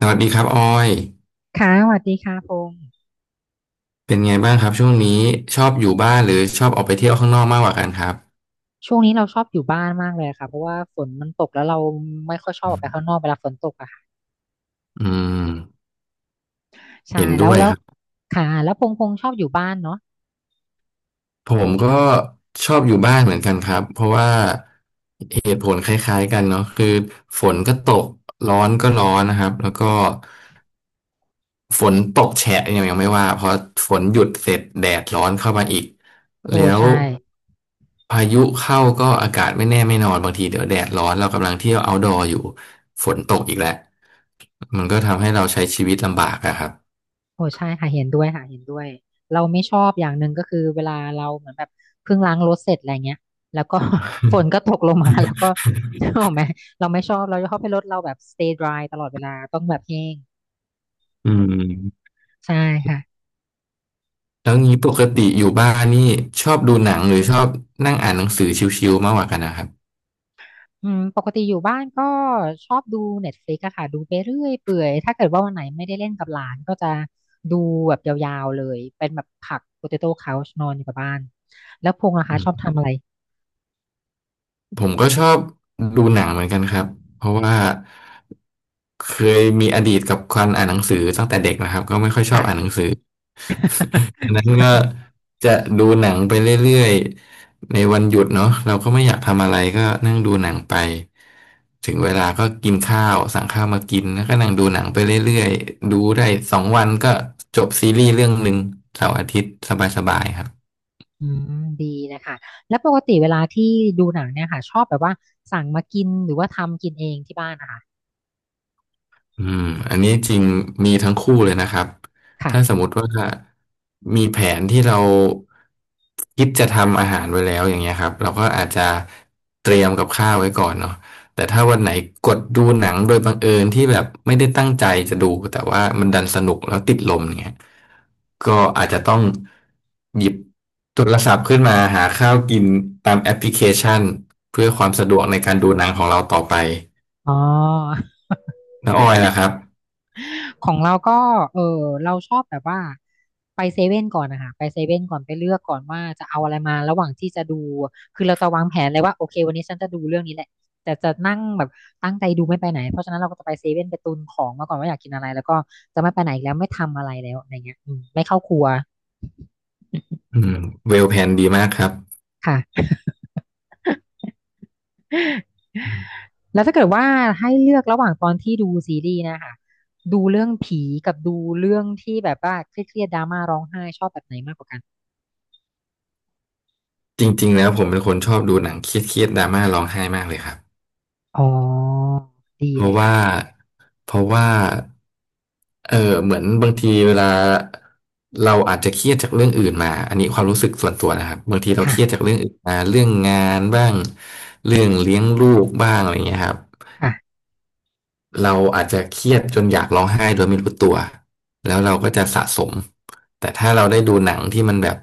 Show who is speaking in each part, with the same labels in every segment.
Speaker 1: สวัสดีครับออย
Speaker 2: ค่ะสวัสดีค่ะพงษ์
Speaker 1: เป็นไงบ้างครับช่วงนี้ชอบอยู่บ้านหรือชอบออกไปเที่ยวข้างนอกมากกว่ากันครับ
Speaker 2: ช่วงนี้เราชอบอยู่บ้านมากเลยค่ะเพราะว่าฝนมันตกแล้วเราไม่ค่อยชอบออกไปข้างนอกเวลาฝนตกอะค่ะ
Speaker 1: อืม
Speaker 2: ใช่
Speaker 1: เห็น
Speaker 2: แล้
Speaker 1: ด้
Speaker 2: ว
Speaker 1: วย
Speaker 2: แล้ว
Speaker 1: ครับ
Speaker 2: ค่ะแล้วพงษ์พงษ์ชอบอยู่บ้านเนาะ
Speaker 1: ผมก็ชอบอยู่บ้านเหมือนกันครับเพราะว่าเหตุผลคล้ายๆกันเนาะคือฝนก็ตกร้อนก็ร้อนนะครับแล้วก็ ฝนตกแฉะยังไม่ว่าเพราะฝนหยุดเสร็จแดดร้อนเข้ามาอีก
Speaker 2: โอ้
Speaker 1: แล้ว
Speaker 2: ใช่
Speaker 1: พายุเข้าก็อากาศไม่แน่ไม่นอนบางทีเดี๋ยวแดดร้อนเรากำลังเที่ยว outdoor อยู่ฝนตกอีกแล้วมันก็ทำให้เราใช้ชีวิตลำบากอะครับ
Speaker 2: โอ้ใช่ค่ะเห็นด้วยค่ะเห็นด้วยเราไม่ชอบอย่างหนึ่งก็คือเวลาเราเหมือนแบบเพิ่งล้างรถเสร็จอะไรเงี้ยแล้วก็ ฝนก็ตกลงมาแล้วก็ ถูกไหมเราไม่ชอบเราชอบให้รถเราแบบ stay dry ตลอดเวลาต้องแบบแห้ง
Speaker 1: อืม
Speaker 2: ใช่ค่ะ
Speaker 1: แล้วงี้ปกติอยู่บ้านนี่ชอบดูหนังหรือชอบนั่งอ่านหนังสือชิวๆมากกว่ากันนะครับ
Speaker 2: อืมปกติอยู่บ้านก็ชอบดู Netflix อะค่ะดูไปเรื่อยเปื่อยถ้าเกิดว่าวันไหนไม่ได้เล่นกับหลานก็จะดูแบบยาวๆเลยเป็นแบบผัก Potato Couch นอนอยู่กับบ้านแล้วพงษ์นะคะชอบทำอะไร
Speaker 1: ผมก็ชอบดูหนังเหมือนกันครับเพราะว่าเคยมีอดีตกับการอ่านหนังสือตั้งแต่เด็กนะครับก็ไม่ค่อยชอบอ่านหนัง
Speaker 2: ค่ะ
Speaker 1: สือ ดังนั้นก็จะดูหนังไปเรื่อยๆในวันหยุดเนาะเราก็ไม่อยากทำอะไรก็นั่งดูหนังไปถึงเวลาก็กินข้าวสั่งข้าวมากินแล้วก็นั่งดูหนังไปเรื่อยๆดูได้สองวันก็จบซีรีส์เรื่องหนึ่งเสาร์อาทิตย์สบายๆครับ
Speaker 2: อืมดีนะคะแล้วปกติเวลาที่ดูหนังเนี่ยค่ะชอบแบบว่าสั่งมากินหรือว่าทำกินเองที่บ้านนะคะ
Speaker 1: อืมอันนี้จริงมีทั้งคู่เลยนะครับ
Speaker 2: ค่ะ
Speaker 1: ถ้าสมมติว่ามีแผนที่เราคิดจะทำอาหารไว้แล้วอย่างเงี้ยครับเราก็อาจจะเตรียมกับข้าวไว้ก่อนเนาะแต่ถ้าวันไหนกดดูหนังโดยบังเอิญที่แบบไม่ได้ตั้งใจจะดูแต่ว่ามันดันสนุกแล้วติดลมอย่างเงี้ยก็อาจจะต้องหยิบโทรศัพท์ขึ้นมาหาข้าวกินตามแอปพลิเคชันเพื่อความสะดวกในการดูหนังของเราต่อไป
Speaker 2: อ๋อ
Speaker 1: แล้วออยล่ะครับ
Speaker 2: ของเราก็เออเราชอบแบบว่าไปเซเว่นก่อนนะคะไปเซเว่นก่อนไปเลือกก่อนว่าจะเอาอะไรมาระหว่างที่จะดูคือเราจะวางแผนเลยว่าโอเควันนี้ฉันจะดูเรื่องนี้แหละแต่จะนั่งแบบตั้งใจดูไม่ไปไหนเพราะฉะนั้นเราก็จะไปเซเว่นไปตุนของมาก่อนว่าอยากกินอะไรแล้วก็จะไม่ไปไหนอีกแล้วไม่ทำอะไรแล้วอะไรเงี้ยอืมไม่เข้าครัว
Speaker 1: อืมเวลแพนดีมากครับ
Speaker 2: ค่ะแล้วถ้าเกิดว่าให้เลือกระหว่างตอนที่ดูซีรีส์นะคะดูเรื่องผีกับดูเรื่องที่แบบว่าเครียดๆดราม่าร้องไห้ชอบแบบไหนมากกว่ากัน
Speaker 1: จริงๆแล้วผมเป็นคนชอบดูหนังเครียดดราม่าร้องไห้มากเลยครับ
Speaker 2: อ๋อดี
Speaker 1: เพ
Speaker 2: เล
Speaker 1: ราะ
Speaker 2: ย
Speaker 1: ว่า
Speaker 2: ค่ะ
Speaker 1: เพราะว่าเออเหมือนบางทีเวลาเราอาจจะเครียดจากเรื่องอื่นมาอันนี้ความรู้สึกส่วนตัวนะครับบางทีเราเค
Speaker 2: ค่ะ
Speaker 1: รียดจากเรื่องอื่นมาเรื่องงานบ้างเรื่องเลี้ยงลูกบ้างอะไรอย่างเงี้ยครับ
Speaker 2: ค่ะ
Speaker 1: เราอาจจะเครียดจนอยากร้องไห้โดยไม่รู้ตัวแล้วเราก็จะสะสมแต่ถ้าเราได้ดูหนังที่มันแบบ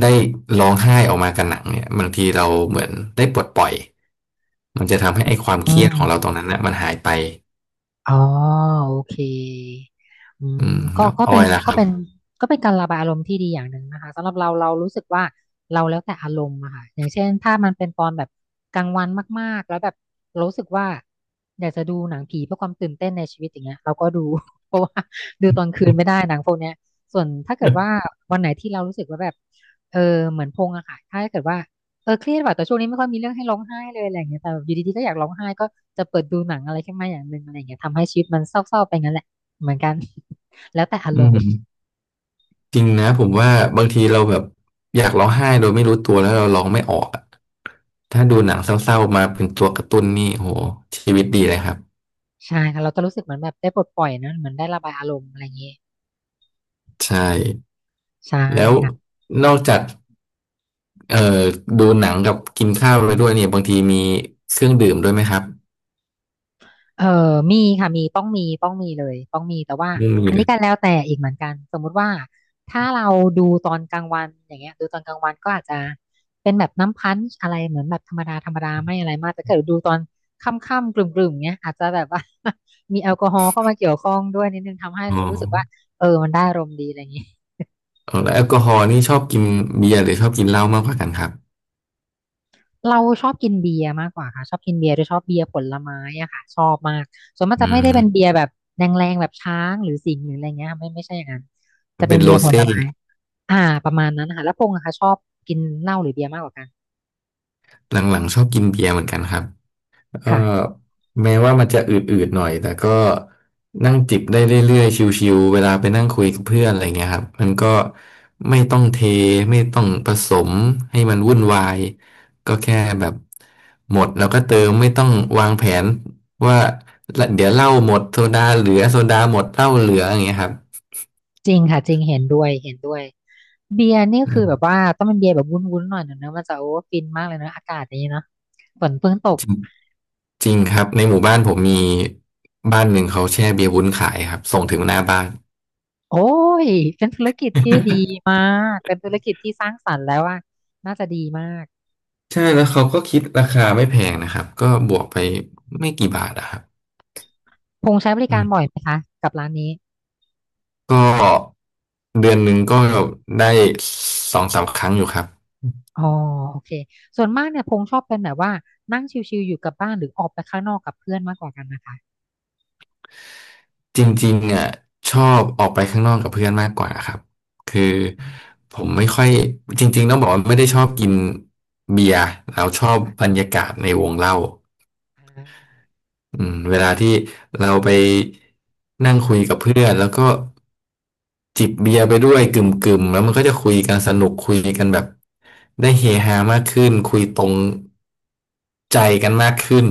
Speaker 1: ได้ร้องไห้ออกมากับหนังเนี่ยบางทีเราเหมือนได้ปลดปล่อยมันจะทำให้ไอ้ความเค
Speaker 2: อื
Speaker 1: รียด
Speaker 2: ม
Speaker 1: ของเราตรงนั้นนะมันหายไป
Speaker 2: อ๋อโอเคอื
Speaker 1: อื
Speaker 2: ม
Speaker 1: ม
Speaker 2: ก็
Speaker 1: แล้ว
Speaker 2: ก็
Speaker 1: อ้อ
Speaker 2: เป็น
Speaker 1: ยล่ะค
Speaker 2: ก็
Speaker 1: รับ
Speaker 2: เป็นก็เป็นการระบายอารมณ์ที่ดีอย่างหนึ่งนะคะสำหรับเราเรารู้สึกว่าเราแล้วแต่อารมณ์อะค่ะอย่างเช่นถ้ามันเป็นตอนแบบกลางวันมากๆแล้วแบบรู้สึกว่าอยากจะดูหนังผีเพื่อความตื่นเต้นในชีวิตอย่างเงี้ยเราก็ดู เพราะว่าดูตอนคืนไม่ได้หนังพวกเนี้ยส่วนถ้าเกิดว่า วันไหนที่เรารู้สึกว่าแบบเออเหมือนพงอะค่ะถ้าเกิดว่า เออเครียดว่ะแต่ช่วงนี้ไม่ค่อยมีเรื่องให้ร้องไห้เลยอะไรอย่างเงี้ยแต่แบบอยู่ดีๆก็อยากร้องไห้ก็จะเปิดดูหนังอะไรขึ้นมาอย่างหนึ่งอะไรอย่างเงี้ยทำให้ชีวิตมันเศร้าๆไปงั้นแหละเหมือนกัน แล้วแต่อา
Speaker 1: อื
Speaker 2: รมณ์
Speaker 1: มจริงนะผมว่าบางทีเราแบบอยากร้องไห้โดยไม่รู้ตัวแล้วเราร้องไม่ออกอะถ้าดูหนังเศร้าๆมาเป็นตัวกระตุ้นนี่โหชีวิตดีเลยครับ
Speaker 2: ใช่ค่ะเราจะรู้สึกเหมือนแบบได้ปลดปล่อยนะเหมือนได้ระบายอารมณ์อะไรอย่างเงี้ย
Speaker 1: ใช่
Speaker 2: ใช่
Speaker 1: แล้ว
Speaker 2: ค่ะ
Speaker 1: นอกจากเอ่อดูหนังกับกินข้าวไปด้วยเนี่ยบางทีมีเครื่องดื่มด้วยไหมครับ
Speaker 2: เออมีค่ะมีต้องมีเลยต้องมีแต่ว่า
Speaker 1: ไม่มี
Speaker 2: อัน
Speaker 1: เล
Speaker 2: นี้
Speaker 1: ย
Speaker 2: ก็แล้วแต่อีกเหมือนกันสมมุติว่าถ้าเราดูตอนกลางวันอย่างเงี้ยดูตอนกลางวันก็อาจจะเป็นแบบน้ำพันช์อะไรเหมือนแบบธรรมดาธรรมดาไม่อะไรมากแต่ถ้าเกิดดูตอนค่ำๆกลุ่มๆเงี้ยอาจจะแบบว่า มีแอลกอฮอล์เข้ามาเกี่ยวข้องด้วยนิดนึงทำให้
Speaker 1: อ๋อ
Speaker 2: รู้สึกว่าเออมันได้อารมณ์ดีอะไรอย่างงี้
Speaker 1: อ๋อแล้วแอลกอฮอล์นี่ชอบกินเบียร์หรือชอบกินเหล้ามากกว่ากันครับ
Speaker 2: เราชอบกินเบียร์มากกว่าค่ะชอบกินเบียร์โดยชอบเบียร์ผลไม้อะค่ะชอบมากส่วนมาก
Speaker 1: อื
Speaker 2: จะไม่ได้เป็นเบี
Speaker 1: ม
Speaker 2: ยร์แบบแรงๆแบบช้างหรือสิงห์หรืออะไรเงี้ยค่ะไม่ใช่อย่างนั้นจะเป็
Speaker 1: เป็
Speaker 2: น
Speaker 1: นโร
Speaker 2: เบียร์ผล
Speaker 1: เซ่
Speaker 2: ไม้อ่าประมาณนั้นค่ะแล้วพงษ์อะค่ะชอบกินเหล้าหรือเบียร์มากกว่ากัน
Speaker 1: หลังๆชอบกินเบียร์เหมือนกันครับเอ่อ
Speaker 2: ค่ะ
Speaker 1: แม้ว่ามันจะอืดๆหน่อยแต่ก็นั่งจิบได้เรื่อยๆชิวๆเวลาไปนั่งคุยกับเพื่อนอะไรเงี้ยครับมันก็ไม่ต้องเทไม่ต้องผสมให้มันวุ่นวายก็แค่แบบหมดแล้วก็เติมไม่ต้องวางแผนว่าเดี๋ยวเหล้าหมดโซดาเหลือโซดาหมดเหล้าเหลืออย่างเงี้ยครับ
Speaker 2: จริงค่ะจริงเห็นด้วยเบียร์นี่
Speaker 1: อื
Speaker 2: คือแบบ
Speaker 1: ม
Speaker 2: ว่าต้องเป็นเบียร์แบบวุ้นๆหน่อยหนึ่งนะมันจะโอ้ฟินมากเลยเนอะอากาศอย่างนี้เนาะฝนเพิ่งตก
Speaker 1: จริงครับในหมู่บ้านผมมีบ้านหนึ่งเขาแช่เบียร์วุ้นขายครับส่งถึงหน้าบ้าน
Speaker 2: โอ้ยเป็นธุรกิจที่ดี มากเป็นธุรกิจที่สร้างสรรค์แล้วว่าน่าจะดีมาก
Speaker 1: ใช่แล้วเขาก็คิดราคาไม่แพงนะครับก็บวกไปไม่กี่บาทอะครับ
Speaker 2: พงษ์ใช้บริ
Speaker 1: อื
Speaker 2: การ
Speaker 1: ม
Speaker 2: บ่อยไหมคะกับร้านนี้
Speaker 1: ก็เดือนหนึ่งก็ได้สองสามครั้งอยู่ครับ
Speaker 2: อ๋อโอเค ส่วนมากเนี่ยพงษ์ชอบเป็นแบบว่านั่งชิลๆอยู่กับบ้านหรือออกไปข้างนอกกับเพื่อนมากกว่ากันนะคะ
Speaker 1: จริงๆอ่ะชอบออกไปข้างนอกกับเพื่อนมากกว่าครับคือ
Speaker 2: อืม
Speaker 1: ผมไม่ค่อยจริงๆต้องบอกว่าไม่ได้ชอบกินเบียร์แล้วชอบบร
Speaker 2: ค่ะ
Speaker 1: รยากาศในวงเล่า
Speaker 2: อ่า
Speaker 1: อืมเวลาที่เราไปนั่งคุยกับเพื่อนแล้วก็จิบเบียร์ไปด้วยกึ่มกึ่มแล้วมันก็จะคุยกันสนุกคุยกันแบบได้เฮฮามากขึ้นคุยตรงใจกันมากขึ้น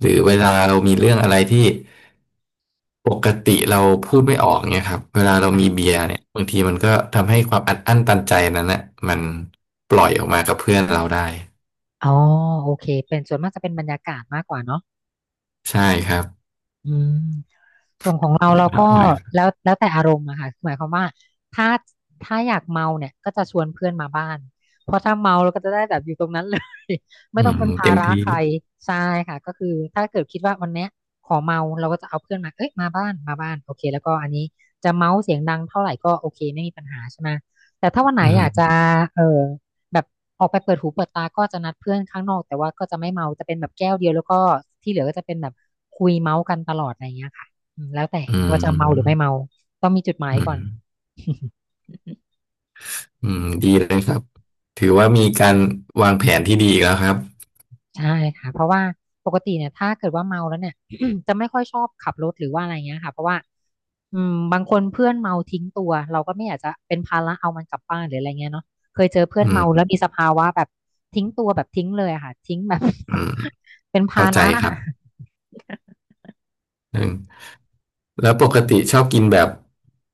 Speaker 1: หรือเวลาเรามีเรื่องอะไรที่ปกติเราพูดไม่ออกเนี่ยครับเวลาเรามี
Speaker 2: ค่ะ
Speaker 1: เบียร์เนี่ยบางทีมันก็ทำให้ความอัดอั้นตันใจนั้นนะมันปล่อยออกมากับเพื่อนเราได้
Speaker 2: อ๋อโอเคเป็นส่วนมากจะเป็นบรรยากาศมากกว่าเนาะ
Speaker 1: ใช่ครับ
Speaker 2: อืมส่วนของเรา
Speaker 1: อืม
Speaker 2: เรา
Speaker 1: ครั
Speaker 2: ก็
Speaker 1: บผม
Speaker 2: แล้วแต่อารมณ์อะค่ะหมายความว่าถ้าถ้าอยากเมาเนี่ยก็จะชวนเพื่อนมาบ้านเพราะถ้าเมาเราก็จะได้แบบอยู่ตรงนั้นเลย ไม่
Speaker 1: อื
Speaker 2: ต้อง
Speaker 1: ม
Speaker 2: เป็นภา
Speaker 1: เต็ม
Speaker 2: ระ
Speaker 1: ที่
Speaker 2: ใครใช่ค่ะก็คือถ้าเกิดคิดว่าวันเนี้ยขอเมาเราก็จะเอาเพื่อนมาเอ้ยมาบ้านโอเคแล้วก็อันนี้จะเมาเสียงดังเท่าไหร่ก็โอเคไม่มีปัญหาใช่ไหมแต่ถ้าวันไหน
Speaker 1: อื
Speaker 2: อยาก
Speaker 1: ม
Speaker 2: จะเออ แบบออกไปเปิดหูเปิดตาก็จะนัดเพื่อนข้างนอกแต่ว่าก็จะไม่เมาจะเป็นแบบแก้วเดียวแล้วก็ที่เหลือก็จะเป็นแบบคุยเมาส์กันตลอดอะไรเงี้ยค่ะอืมแล้วแต่
Speaker 1: อื
Speaker 2: ว่า
Speaker 1: ม
Speaker 2: จะเมาหรือไม่เมาต้องมีจุดหมาย
Speaker 1: อืม
Speaker 2: ก่อน
Speaker 1: ดีเลยครับถือว่ามีการวางแผนที่ดีอีกแล้วครับ
Speaker 2: ใช่ค่ะเพราะว่าปกติเนี่ยถ้าเกิดว่าเมาแล้วเนี่ย จะไม่ค่อยชอบขับรถหรือว่าอะไรเงี้ยค่ะเพราะว่าอืมบางคนเพื่อนเมาทิ้งตัวเราก็ไม่อยากจะเป็นภาระเอามันกลับบ้านหรืออะไรเงี้ยเนาะเคยเจอเพื่อ
Speaker 1: อื
Speaker 2: นเมา
Speaker 1: ม
Speaker 2: แล้วมีสภาวะแบบทิ้งตัวแบบทิ้งเลยอะค่ะทิ้งแบบ
Speaker 1: อืม
Speaker 2: เป็นภา
Speaker 1: เข้าใจ
Speaker 2: ระ
Speaker 1: ครับอืมแล้วปกติชอบกินแบบ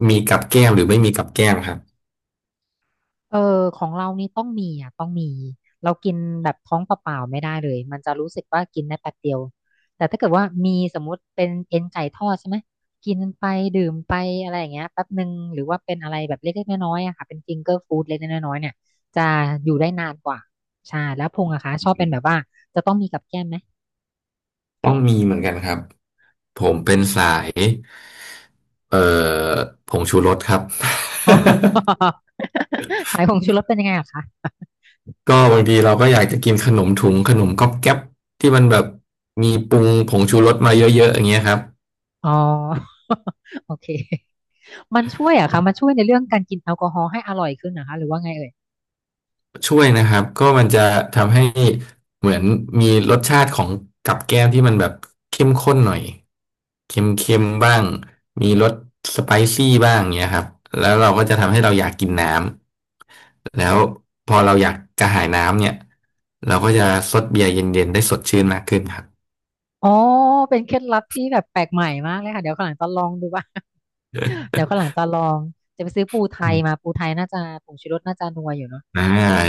Speaker 1: มีกับแก้มหรือไม่มีกับแก้มครับ
Speaker 2: เออของเรานี่ต้องมีอ่ะต้องมีเรากินแบบท้องเปล่าๆไม่ได้เลยมันจะรู้สึกว่ากินได้แป๊บเดียวแต่ถ้าเกิดว่ามีสมมุติเป็นเอ็นไก่ทอดใช่ไหมกินไปดื่มไปอะไรอย่างเงี้ยแป๊บหนึ่งหรือว่าเป็นอะไรแบบเล็กๆน้อยๆอะค่ะเป็นฟิงเกอร์ฟู้ดเล็กๆน้อยๆเนี่ยจะอยู่ได้นานกว่าใช่แล้วพงอะคะช
Speaker 1: อื
Speaker 2: อบเป็นแบบ
Speaker 1: ม
Speaker 2: ว่าจะต้องมีกับแก้มไหม
Speaker 1: ต้องมีเหมือนกันครับผมเป็นสายเอ่อผงชูรสครับ
Speaker 2: อ๋อ สายของชูรสเป็นยังไงอะคะ
Speaker 1: ก็บางทีเราก็อยากจะกินขนมถุงขนมก๊อบแก๊บที่มันแบบมีปรุงผงชูรสมาเยอะๆอย่างเงี้ยครับ
Speaker 2: อ๋อ โอเคมันช่วยอะคะมันช่วยในเรื่องการกินแอลกอฮอล์ให้อร่อยขึ้นนะคะหรือว่าไงเอ่ย
Speaker 1: ช่วยนะครับก็มันจะทำให้เหมือนมีรสชาติของกับแก้มที่มันแบบเข้มข้นหน่อยเค็มๆบ้างมีรสสไปซี่บ้างเงี้ยครับแล้วเราก็จะทำให้เราอยากกินน้ำแล้วพอเราอยากกระหายน้ำเนี่ยเราก็จะซดเบียร์เย็นๆได้สดชื่นมากขึ้นครับ
Speaker 2: อ๋อเป็นเคล็ดลับที่แบบแปลกใหม่มากเลยค่ะเดี๋ยวข้างหลังจะลองดูว่า เดี๋ยวข้างหลังจะลองจะไปซื้อปูไท
Speaker 1: อื
Speaker 2: ยมา
Speaker 1: ม
Speaker 2: ปูไทยน่าจะผงชูรสน่าจะนัวอยู่เนาะ
Speaker 1: อ่า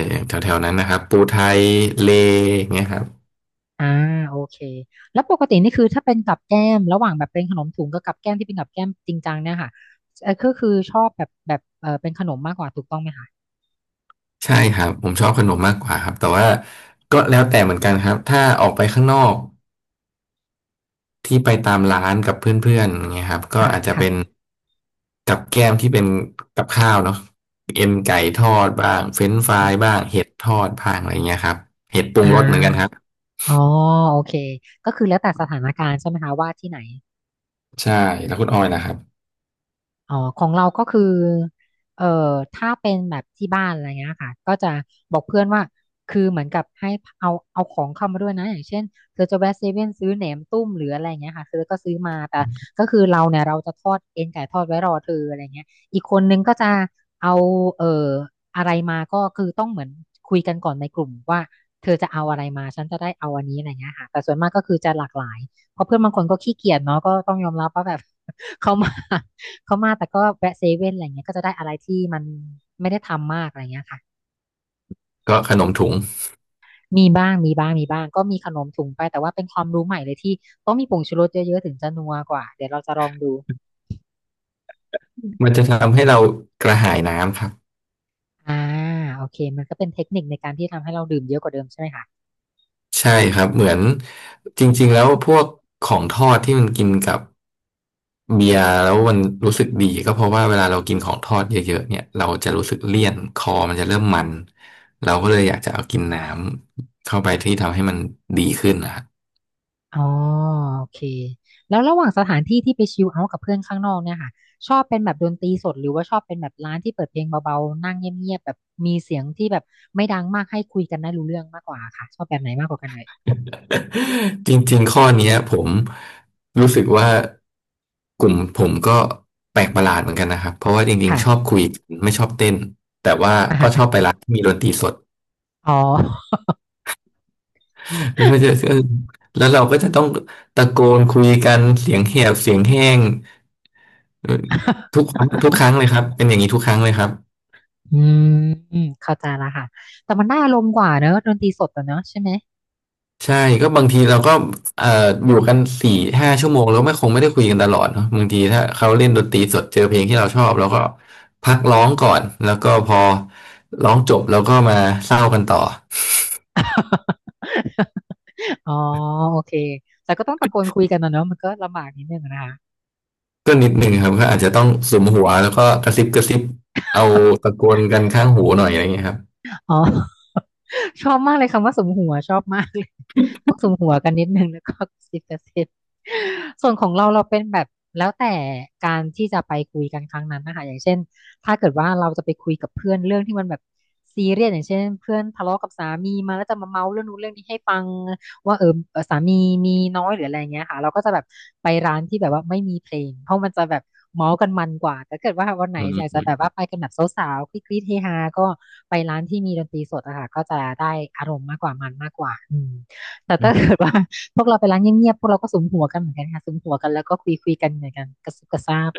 Speaker 1: อย่างแถวๆนั้นนะครับปูไทยเลอย่างเงี้ยครับ
Speaker 2: อ่าโอเคแล้วปกตินี่คือถ้าเป็นกับแก้มระหว่างแบบเป็นขนมถุงกับกับแก้มที่เป็นกับแก้มจริงจังเนี่ยค่ะเออก็คือชอบแบบเป็นขนมมากกว่าถูกต้องไหมคะ
Speaker 1: ใช่ครับผมชอบขนมมากกว่าครับแต่ว่าก็แล้วแต่เหมือนกันครับถ้าออกไปข้างนอก ที่ไปตามร้านกับเพื่อนๆอย่างเงี้ยครับก็
Speaker 2: ค่ะ
Speaker 1: อาจจะ
Speaker 2: ค่ะ
Speaker 1: เป็นกับแก้มที่เป็นกับข้าวเนาะเอ็นไก่ทอดบ้างเฟรนช์ฟรายบ้างเห็ดทอดบ้างอะไรเงี้ยครับเห็ดปรุ
Speaker 2: อ่
Speaker 1: งรสเหมือนกันครับ
Speaker 2: าอ๋อโอเคก็คือแล้วแต่สถานการณ์ใช่ไหมคะว่าที่ไหน
Speaker 1: ใช่แล้วคุณอ้อยนะครับ
Speaker 2: อ๋อของเราก็คือเอ่อถ้าเป็นแบบที่บ้านอะไรเงี้ยค่ะก็จะบอกเพื่อนว่า คือเหมือนกับให้เอาของเข้ามาด้วยนะอย่างเช่นเธอจะแวะเซเว่นซื้อแหนมตุ้มหรืออะไรเงี้ยค่ะเธอก็ซื้อมาแต่ก็คือเราเนี่ยเราจะทอดเอ็นไก่ทอดไว้รอเธออะไรเงี้ยอีกคนนึงก็จะเอาเอ่ออะไรมาก็คือต้องเหมือนคุยกันก่อนในกลุ่มว่าเธอจะเอาอะไรมาฉันจะได้เอาอันนี้อะไรเงี้ยค่ะแต่ส่วนมากก็คือจะหลากหลายเพราะเพื่อนบางคนก็ขี้เกียจเนาะก็ต้องยอมรับว่าแบบ เขามา เขามาแต่ก็แวะเซเว่นอะไรเงี้ยก็จะได้อะไรที่มันไม่ได้ทำมากอะไรเงี้ยค่ะ
Speaker 1: ก็ขนมถุง
Speaker 2: มีบ้างมีบ้างมีบ้างก็มีขนมถุงไปแต่ว่าเป็นความรู้ใหม่เลยที่ต้องมีผงชูรสเยอะๆถึงจะนัวกว่าเดี๋ยวเราจะลองดู
Speaker 1: มันจะทำให้เรากระหายน้ำครับ
Speaker 2: อ่าโอเคมันก็เป็นเทคนิคในการที่ทำให้เราดื่มเยอะกว่าเดิมใช่ไหมคะ
Speaker 1: ใช่ครับเหมือนจริงๆแล้วพวกของทอดที่มันกินกับ เบียร์แล้วมันรู้สึกดีก็เพราะว่าเวลาเรากินของทอดเยอะๆเนี่ยเราจะรู้สึกเลี่ยนคอมันจะเริ่มมันเราก็เลยอยากจะเอากินน้ำเข้าไปที่ทำให้มันดีขึ้นนะ ครับ
Speaker 2: อ๋อโอเคแล้วระหว่างสถานที่ที่ไปชิลเอาท์กับเพื่อนข้างนอกเนี่ยค่ะชอบเป็นแบบดนตรีสดหรือว่าชอบเป็นแบบร้านที่เปิดเพลงเบาๆนั่งเงียบๆแบบมีเสียงที่แบบไม่ดังมากให้คุยกันได้รู้เรื่องมากกว่าค่ะชอบแบบไหนมากกว่ากันเลย
Speaker 1: จริงๆข้อเนี้ยผมรู้สึกว่ากลุ่มผมก็แปลกประหลาดเหมือนกันนะครับเพราะว่าจริงๆชอบ
Speaker 2: ค่ะ
Speaker 1: คุยไม่ชอบเต้นแต่ว่าก็ชอบไปร้านที่มีดนตรีสด
Speaker 2: อ๋อ
Speaker 1: ก็จะ ก็แล้วเราก็จะต้องตะโกนคุยกันเสียงแหบเสียงแห้งเออทุกครั้งเลยครับเป็นอย่างนี้ทุกครั้งเลยครับ
Speaker 2: อืมเข้าใจละค่ะแต่มันได้อารมณ์กว่าเนอะดนตรีสดอะเนอะใช่ไหม
Speaker 1: ใช่ก็บางทีเราก็เอ่ออยู่กัน4-5 ชั่วโมงแล้วไม่คงไม่ได้คุยกันตลอดเนอะบางทีถ้าเขาเล่นดนตรีสดเจอเพลงที่เราชอบเราก็พักร้องก่อนแล้วก็พอร้องจบเราก็มาเศร้ากันต่อ
Speaker 2: อ๋อโอเคแต่ก็ต้องตะโกนคุยกันนะเนอะมันก็ลำบากนิดนึงนะคะ
Speaker 1: ก็นิดหนึ่งครับก็อาจจะต้องสุมหัวแล้วก็กระซิบกระซิบเอาตะโกนกันข้างหูหน่อยอะไรอย่างเงี้ยครับ
Speaker 2: อ๋อ ชอบมากเลยคำว่าสุมหัวชอบมากเลยต้องสุมหัวกันนิดนึงแล้วก็กระซิบกระซิบส่วนของเราเราเป็นแบบแล้วแต่การที่จะไปคุยกันครั้งนั้นนะคะอย่างเช่นถ้าเกิดว่าเราจะไปคุยกับเพื่อนเรื่องที่มันแบบซีเรียสอย่างเช่นเพื่อนทะเลาะกับสามีมาแล้วจะมาเมาเรื่องนู้นเรื่องนี้ให้ฟัง ว่าสามีมีน้อยหรืออะไรเงี้ยค่ะเราก็จะแบบไปร้านที่แบบว่าไม่มีเพลงเพราะมันจะแบบเมาส์กันมันกว่าแต่เกิดว่าวันไหนอยากจะแบบ
Speaker 1: อ
Speaker 2: ว่าไปกันแบบสาวๆคลิกๆเฮฮาก็ไปร้านที่มีดนตรีสดอะค่ะก็จะได้อารมณ์มากกว่ามันมากกว่าอืมแต่
Speaker 1: ื
Speaker 2: ถ้า
Speaker 1: ม
Speaker 2: เกิดว่า พวกเราไปร้านเงียบๆพวกเราก็สุมหัวกันเหมือนกันค่ะสุมหัวกันแล้วก็คุยๆกันเหมือนกันกระซุบกระซาบ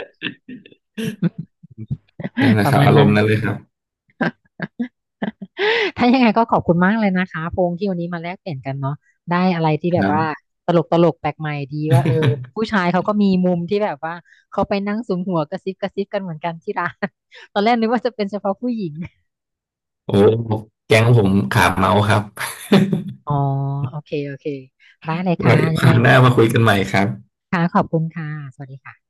Speaker 1: นั่นแห ละ
Speaker 2: ป
Speaker 1: ค
Speaker 2: ระ
Speaker 1: รับ
Speaker 2: มาณ
Speaker 1: อาร
Speaker 2: นั้
Speaker 1: ม
Speaker 2: น
Speaker 1: ณ์นั้นเลยครับ
Speaker 2: ถ้ายังไงก็ขอบคุณมากเลยนะคะพงษ์ที่วันนี้มาแลกเปลี่ยนกันเนาะได้อะไรที่
Speaker 1: ค
Speaker 2: แบบ
Speaker 1: รับ
Speaker 2: ว่าตลกตลกแปลกใหม่ดีว่าเออผู้ ชายเขาก็มีมุมที่แบบว่าเขาไปนั่งสุมหัวกระซิบกระซิบกันเหมือนกันที่ร้าน ตอนแรกนึกว่าจะเป็นเฉพาะผู้หญิง
Speaker 1: โอ้แก๊งผมขาเมาครับ
Speaker 2: อ๋อโอเคโอเคได้เลย ค่ะ
Speaker 1: ไว้
Speaker 2: ยั
Speaker 1: ค
Speaker 2: งไง
Speaker 1: ราวหน้ามาคุยกันใหม่ครับ
Speaker 2: ค่ะขอบคุณค่ะสวัสดีค่ะ